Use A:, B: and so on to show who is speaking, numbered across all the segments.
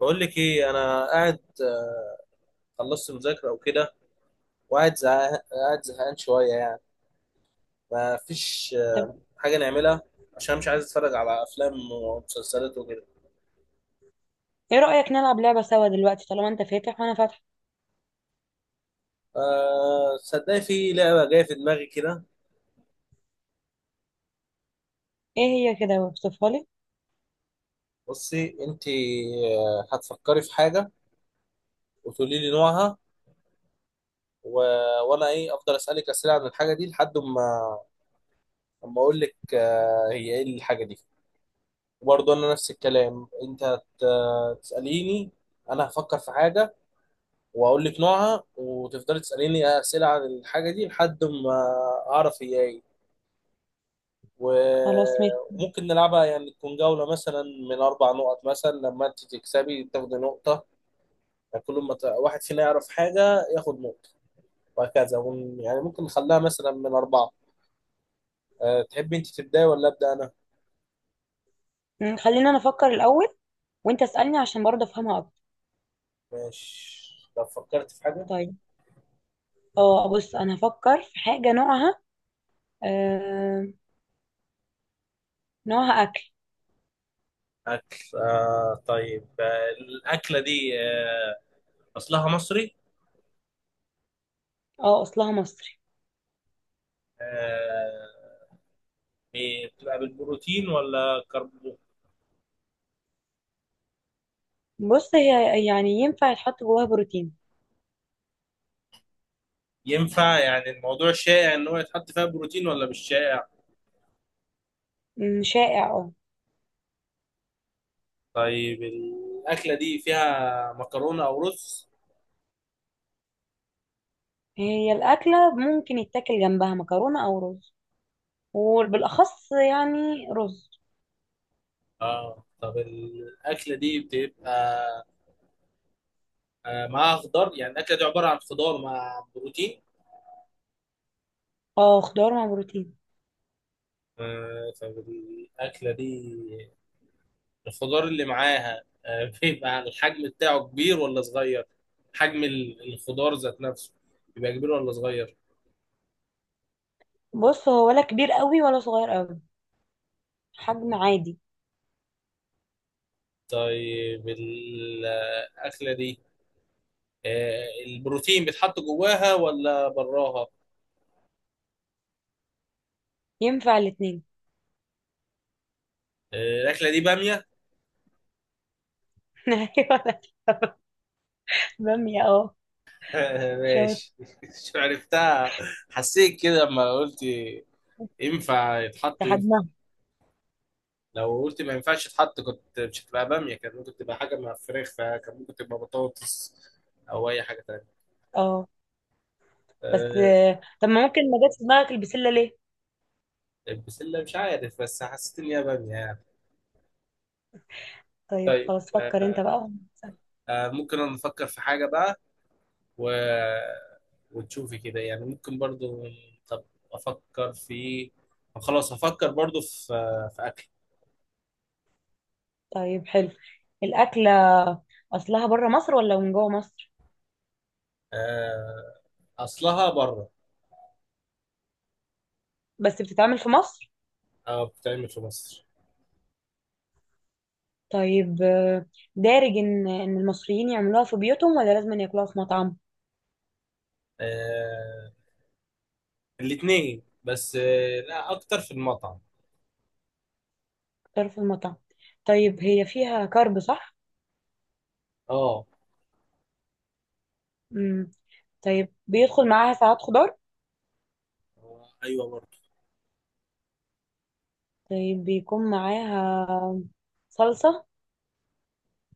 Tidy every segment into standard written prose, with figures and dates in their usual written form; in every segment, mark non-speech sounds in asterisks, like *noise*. A: بقول لك ايه. انا قاعد، خلصت مذاكره او كده، وقاعد زهقان قاعد زهقان شويه يعني. ما فيش
B: طب،
A: حاجه نعملها، عشان مش عايز اتفرج على افلام ومسلسلات وكده.
B: ايه رأيك نلعب لعبة سوا دلوقتي طالما انت فاتح وانا فاتحة؟
A: صدقني في لعبه جايه في دماغي كده.
B: ايه هي كده، اوصفها لي.
A: بصي انت، هتفكري في حاجه وتقولي لي نوعها، و... وانا ايه افضل اسالك اسئله عن الحاجه دي لحد ما، اما اقول لك هي ايه الحاجه دي. وبرضه انا نفس الكلام، انت تساليني. انا هفكر في حاجه واقول لك نوعها وتفضلي تساليني اسئله عن الحاجه دي لحد ما اعرف هي ايه. و-
B: خلاص ماشي.
A: وممكن نلعبها يعني تكون جوله مثلا من اربع نقط، مثلا لما انت تكسبي تاخدي نقطه. يعني كل ما واحد فينا يعرف حاجه ياخد نقطه وهكذا، يعني ممكن نخليها مثلا من اربعه. تحبي انت تبداي ولا ابدا انا؟
B: خلينا انا افكر الاول، وانت اسألني عشان برضه افهمها اكتر.
A: ماشي، لو فكرت في حاجه.
B: طيب، اه بص، انا هفكر في حاجة نوعها. آه نوعها اكل.
A: اكل؟ طيب. الاكله دي، اصلها مصري.
B: اه، اصلها مصري.
A: آه يعني بتبقى بالبروتين ولا كربو؟
B: بص، هي يعني ينفع يتحط جواها بروتين.
A: ينفع؟ يعني الموضوع شائع ان هو يتحط فيها بروتين ولا مش شائع؟
B: شائع اه.
A: طيب الاكله دي فيها مكرونه او رز؟
B: هي الأكلة ممكن يتاكل جنبها مكرونة او رز، وبالاخص يعني رز.
A: اه. طب الاكله دي بتبقى معاها خضار؟ يعني الاكله دي عباره عن خضار مع بروتين.
B: اه، خضار مع بروتين.
A: طب الاكله دي، الخضار اللي معاها بيبقى الحجم بتاعه كبير ولا صغير؟ حجم الخضار ذات نفسه بيبقى كبير ولا صغير؟
B: بص، هو ولا كبير قوي ولا صغير قوي، حجم عادي.
A: طيب الأكلة دي، البروتين بيتحط جواها ولا براها؟
B: ينفع الاتنين.
A: الأكلة دي بامية؟
B: *laughs* ايوه. أنا. بامية اه.
A: *laughs*
B: شاطر.
A: ماشي *laughs* مش عرفتها. حسيت كده لما قلت ينفع يتحط، ينفع.
B: لحجمها.
A: لو قلت ما ينفعش يتحط كنت مش هتبقى بامية، كان ممكن تبقى حاجة مع فراخ، فكان ممكن تبقى بطاطس أو أي حاجة تانية.
B: اه، بس
A: آه،
B: طب ما ممكن ما جاتش في دماغك البسلة ليه؟
A: البسلة مش عارف، بس حسيت إن هي بامية يعني.
B: طيب،
A: طيب،
B: خلاص فكر انت بقى.
A: ممكن أنا نفكر في حاجة بقى، و... وتشوفي كده يعني، ممكن برضو. طب افكر في، خلاص افكر برضو في، في اكل.
B: طيب حلو. الأكلة أصلها بره مصر ولا من جوه مصر؟
A: آه، اصلها بره،
B: بس بتتعمل في مصر؟
A: او بتعمل في مصر.
B: طيب دارج إن المصريين يعملوها في بيوتهم ولا لازم ياكلوها في مطعم؟
A: آه، الاتنين، بس لا اكتر في المطعم.
B: اختار في المطعم. طيب هي فيها كارب صح؟
A: اه.
B: مم. طيب بيدخل معاها ساعات خضار؟
A: ايوه برضو.
B: طيب بيكون معاها صلصة.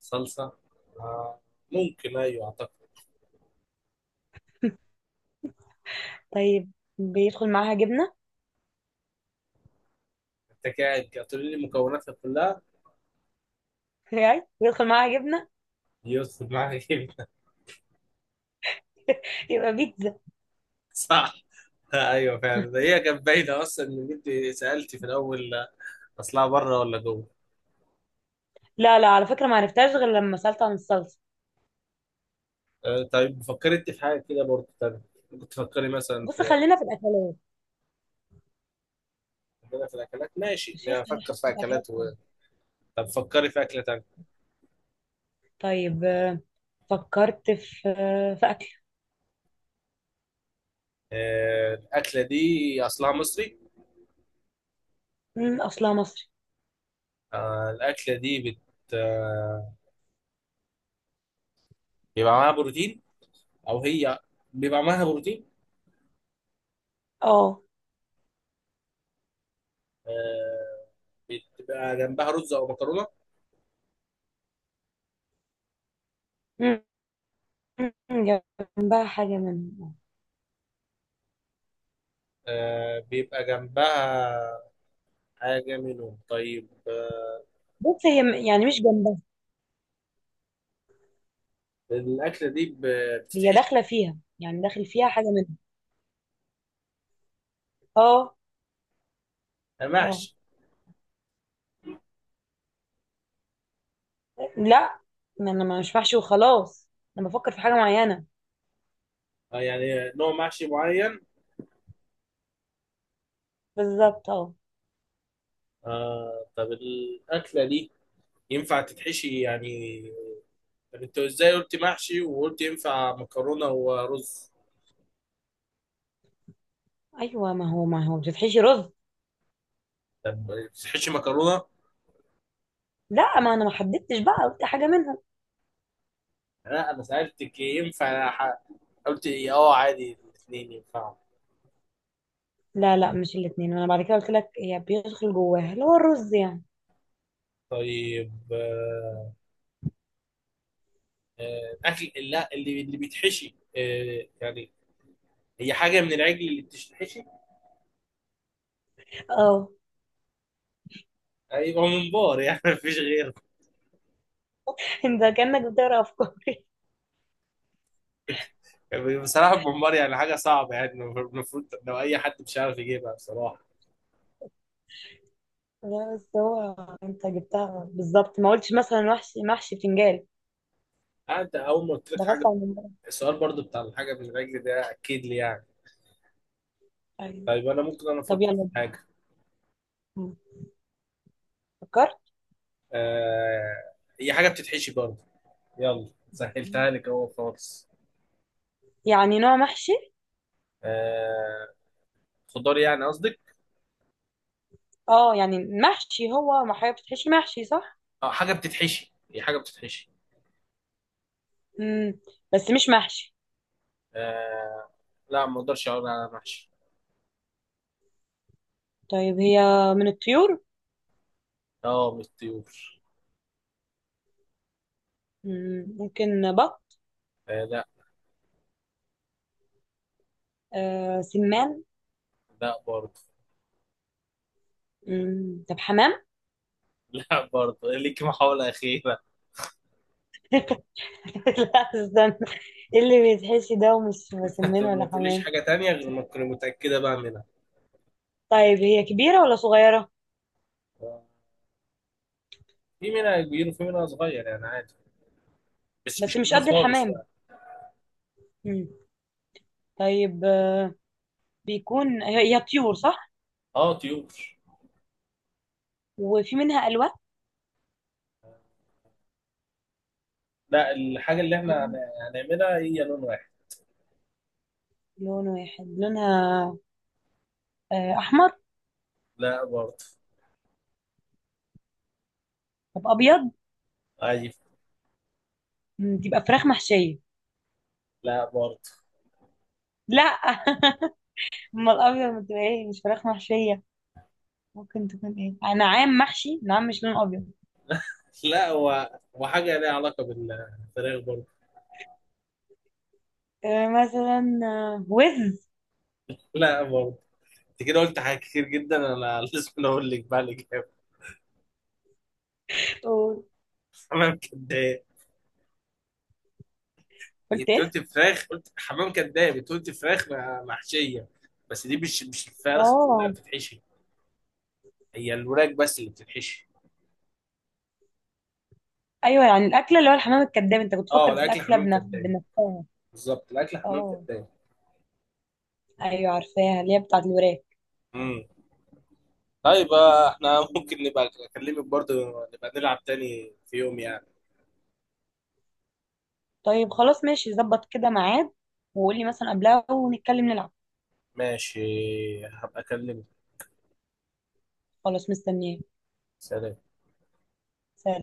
A: صلصة؟ آه، ممكن ايوه، اعتقد.
B: طيب بيدخل معاها جبنة؟
A: انت قاعد هتقولي لي مكوناتها كلها.
B: *laughs* يعني بيدخل معاها جبنة
A: يدخل معاك. *laughs*
B: يبقى بيتزا.
A: صح، ايوه فعلا. هي كانت باينه اصلا ان انت سالتي في الاول اصلها بره ولا جوه.
B: لا، لا، على فكرة، ما عرفتهاش غير لما سألت عن الصلصة.
A: طيب فكرت في حاجه كده برضه تانية. كنت تفكري مثلا
B: بص،
A: في،
B: خلينا في الأكلات.
A: عندنا في الاكلات.
B: يا
A: ماشي،
B: شيخ، أنا
A: نفكر
B: حاسة
A: في
B: الأكلات
A: اكلات
B: حلوة.
A: طب فكري في اكله تانية.
B: طيب، فكرت في في أكل.
A: الاكله دي اصلها مصري.
B: أصلها مصري.
A: الاكله دي بت آه، بيبقى معاها بروتين، او هي بيبقى معاها بروتين.
B: اه.
A: آه، بتبقى جنبها رز او مكرونه.
B: مم، مم، جنبها حاجة منها.
A: بيبقى جنبها حاجه منهم. طيب
B: بص، هي يعني مش جنبها.
A: الاكله دي
B: هي
A: بتتحشي؟
B: داخلة فيها، يعني داخل فيها حاجة منها. اه، اه.
A: محشي.
B: لا، ما أنا مش محشي وخلاص. أنا بفكر في حاجة معينة.
A: يعني نوع محشي معين؟
B: بالظبط اه.
A: طب الأكلة دي ينفع تتحشي يعني؟ طب أنت إزاي قلت محشي وقلت ينفع مكرونة ورز؟
B: ايوه، ما هو بتتحشي رز.
A: طب تحشي مكرونة؟
B: لا، ما انا ما حددتش بقى، قلت حاجه منهم.
A: لا أنا سألتك ينفع، قلت إيه، أه عادي، الاتنين ينفعوا.
B: لا، لا، مش الاثنين، انا بعد كده قلت لك هي بيدخل جواها اللي هو الرز يعني.
A: طيب الأكل، لا اللي بيتحشي يعني، هي حاجة من العجل اللي بتتحشي؟
B: اه.
A: هيبقى ممبار يعني. *laughs* مفيش غيره.
B: *laughs* انت كانك بتقرا افكاري. *laughs*
A: بصراحة الممبار يعني حاجة صعبة، يعني المفروض لو أي حد مش عارف يجيبها بصراحة.
B: لا، بس هو انت جبتها بالظبط، ما قلتش مثلا وحش محشي بتنجان.
A: انت اول ما قلت لك
B: ده غلط
A: حاجه.
B: على الموضوع.
A: السؤال برضو بتاع الحاجه بالرجل ده اكيد لي يعني.
B: ايوه.
A: طيب انا ممكن انا
B: طب
A: افكر
B: يلا.
A: في حاجه.
B: م. فكرت.
A: آه هي حاجه بتتحشي برضو. يلا سهلتها لك اهو خالص.
B: يعني نوع محشي.
A: آه خضار يعني قصدك؟
B: اه، يعني محشي هو، ما حاجه بتتحشي محشي صح.
A: اه حاجه بتتحشي، هي حاجه بتتحشي.
B: امم. بس مش محشي.
A: آه لا، ما اقدرش اقول على محشي.
B: طيب هي من الطيور.
A: اه مش طيور.
B: مم. ممكن بط.
A: لا.
B: سمان.
A: لا برضو.
B: مم. طب حمام.
A: *laughs* لا برضو، ليك محاوله اخيره.
B: *laughs* لا، استنى. إيه اللي بيتحشي ده ومش
A: *laughs*
B: بسمان
A: طب ما
B: ولا
A: تقوليش
B: حمام؟
A: حاجه تانية غير ما تكوني متاكده بقى منها.
B: طيب هي كبيرة ولا صغيرة؟
A: آه، في منها كبير وفي منها صغير يعني عادي، بس
B: بس
A: مش
B: مش
A: كبير
B: قد
A: خالص
B: الحمام.
A: يعني.
B: مم. طيب، بيكون هي طيور صح؟
A: اه طيور.
B: وفي منها ألوان؟
A: لا، الحاجة اللي
B: في
A: احنا هنعملها هي لون واحد.
B: لون واحد لونها. أحمر؟
A: لا برضه.
B: طب أبيض؟
A: عجيب.
B: تبقى فراخ محشية؟
A: لا برضه.
B: لا. *laughs* أما الأبيض ما تبقى إيه، مش فراخ محشية؟ ممكن تكون إيه، نعام محشي؟ نعام مش لون أبيض.
A: *laughs* لا، هو وحاجة ليها علاقة بالفراخ برضه.
B: مثلا وز.
A: لا برضه. انت كده قلت حاجات كتير جدا، انا *laughs* لازم اقول لك بقى الاجابة.
B: قول-
A: *laughs* حمام كداب.
B: قلت
A: انت
B: إيه.
A: قلت فراخ، قلت حمام كداب. انت قلت فراخ محشية. بس دي مش الفرخة كلها
B: اه،
A: بتتحشي، هي الوراك بس اللي بتتحشي.
B: ايوه، يعني الاكله اللي هو الحمام الكذاب، انت كنت
A: اه
B: فاكر في
A: الاكل
B: الاكله
A: حمام كداب،
B: بنفسها.
A: بالظبط. الاكل حمام
B: اه،
A: كداب.
B: ايوه، عارفاها اللي هي بتاعت الوراك.
A: طيب احنا ممكن نبقى اكلمك برضه، نبقى نلعب تاني في يوم يعني.
B: طيب خلاص ماشي، ظبط كده ميعاد، وقولي مثلا قبلها ونتكلم نلعب.
A: ماشي، هبقى اكلمك.
B: خلاص، مستنياه.
A: سلام.
B: سلام.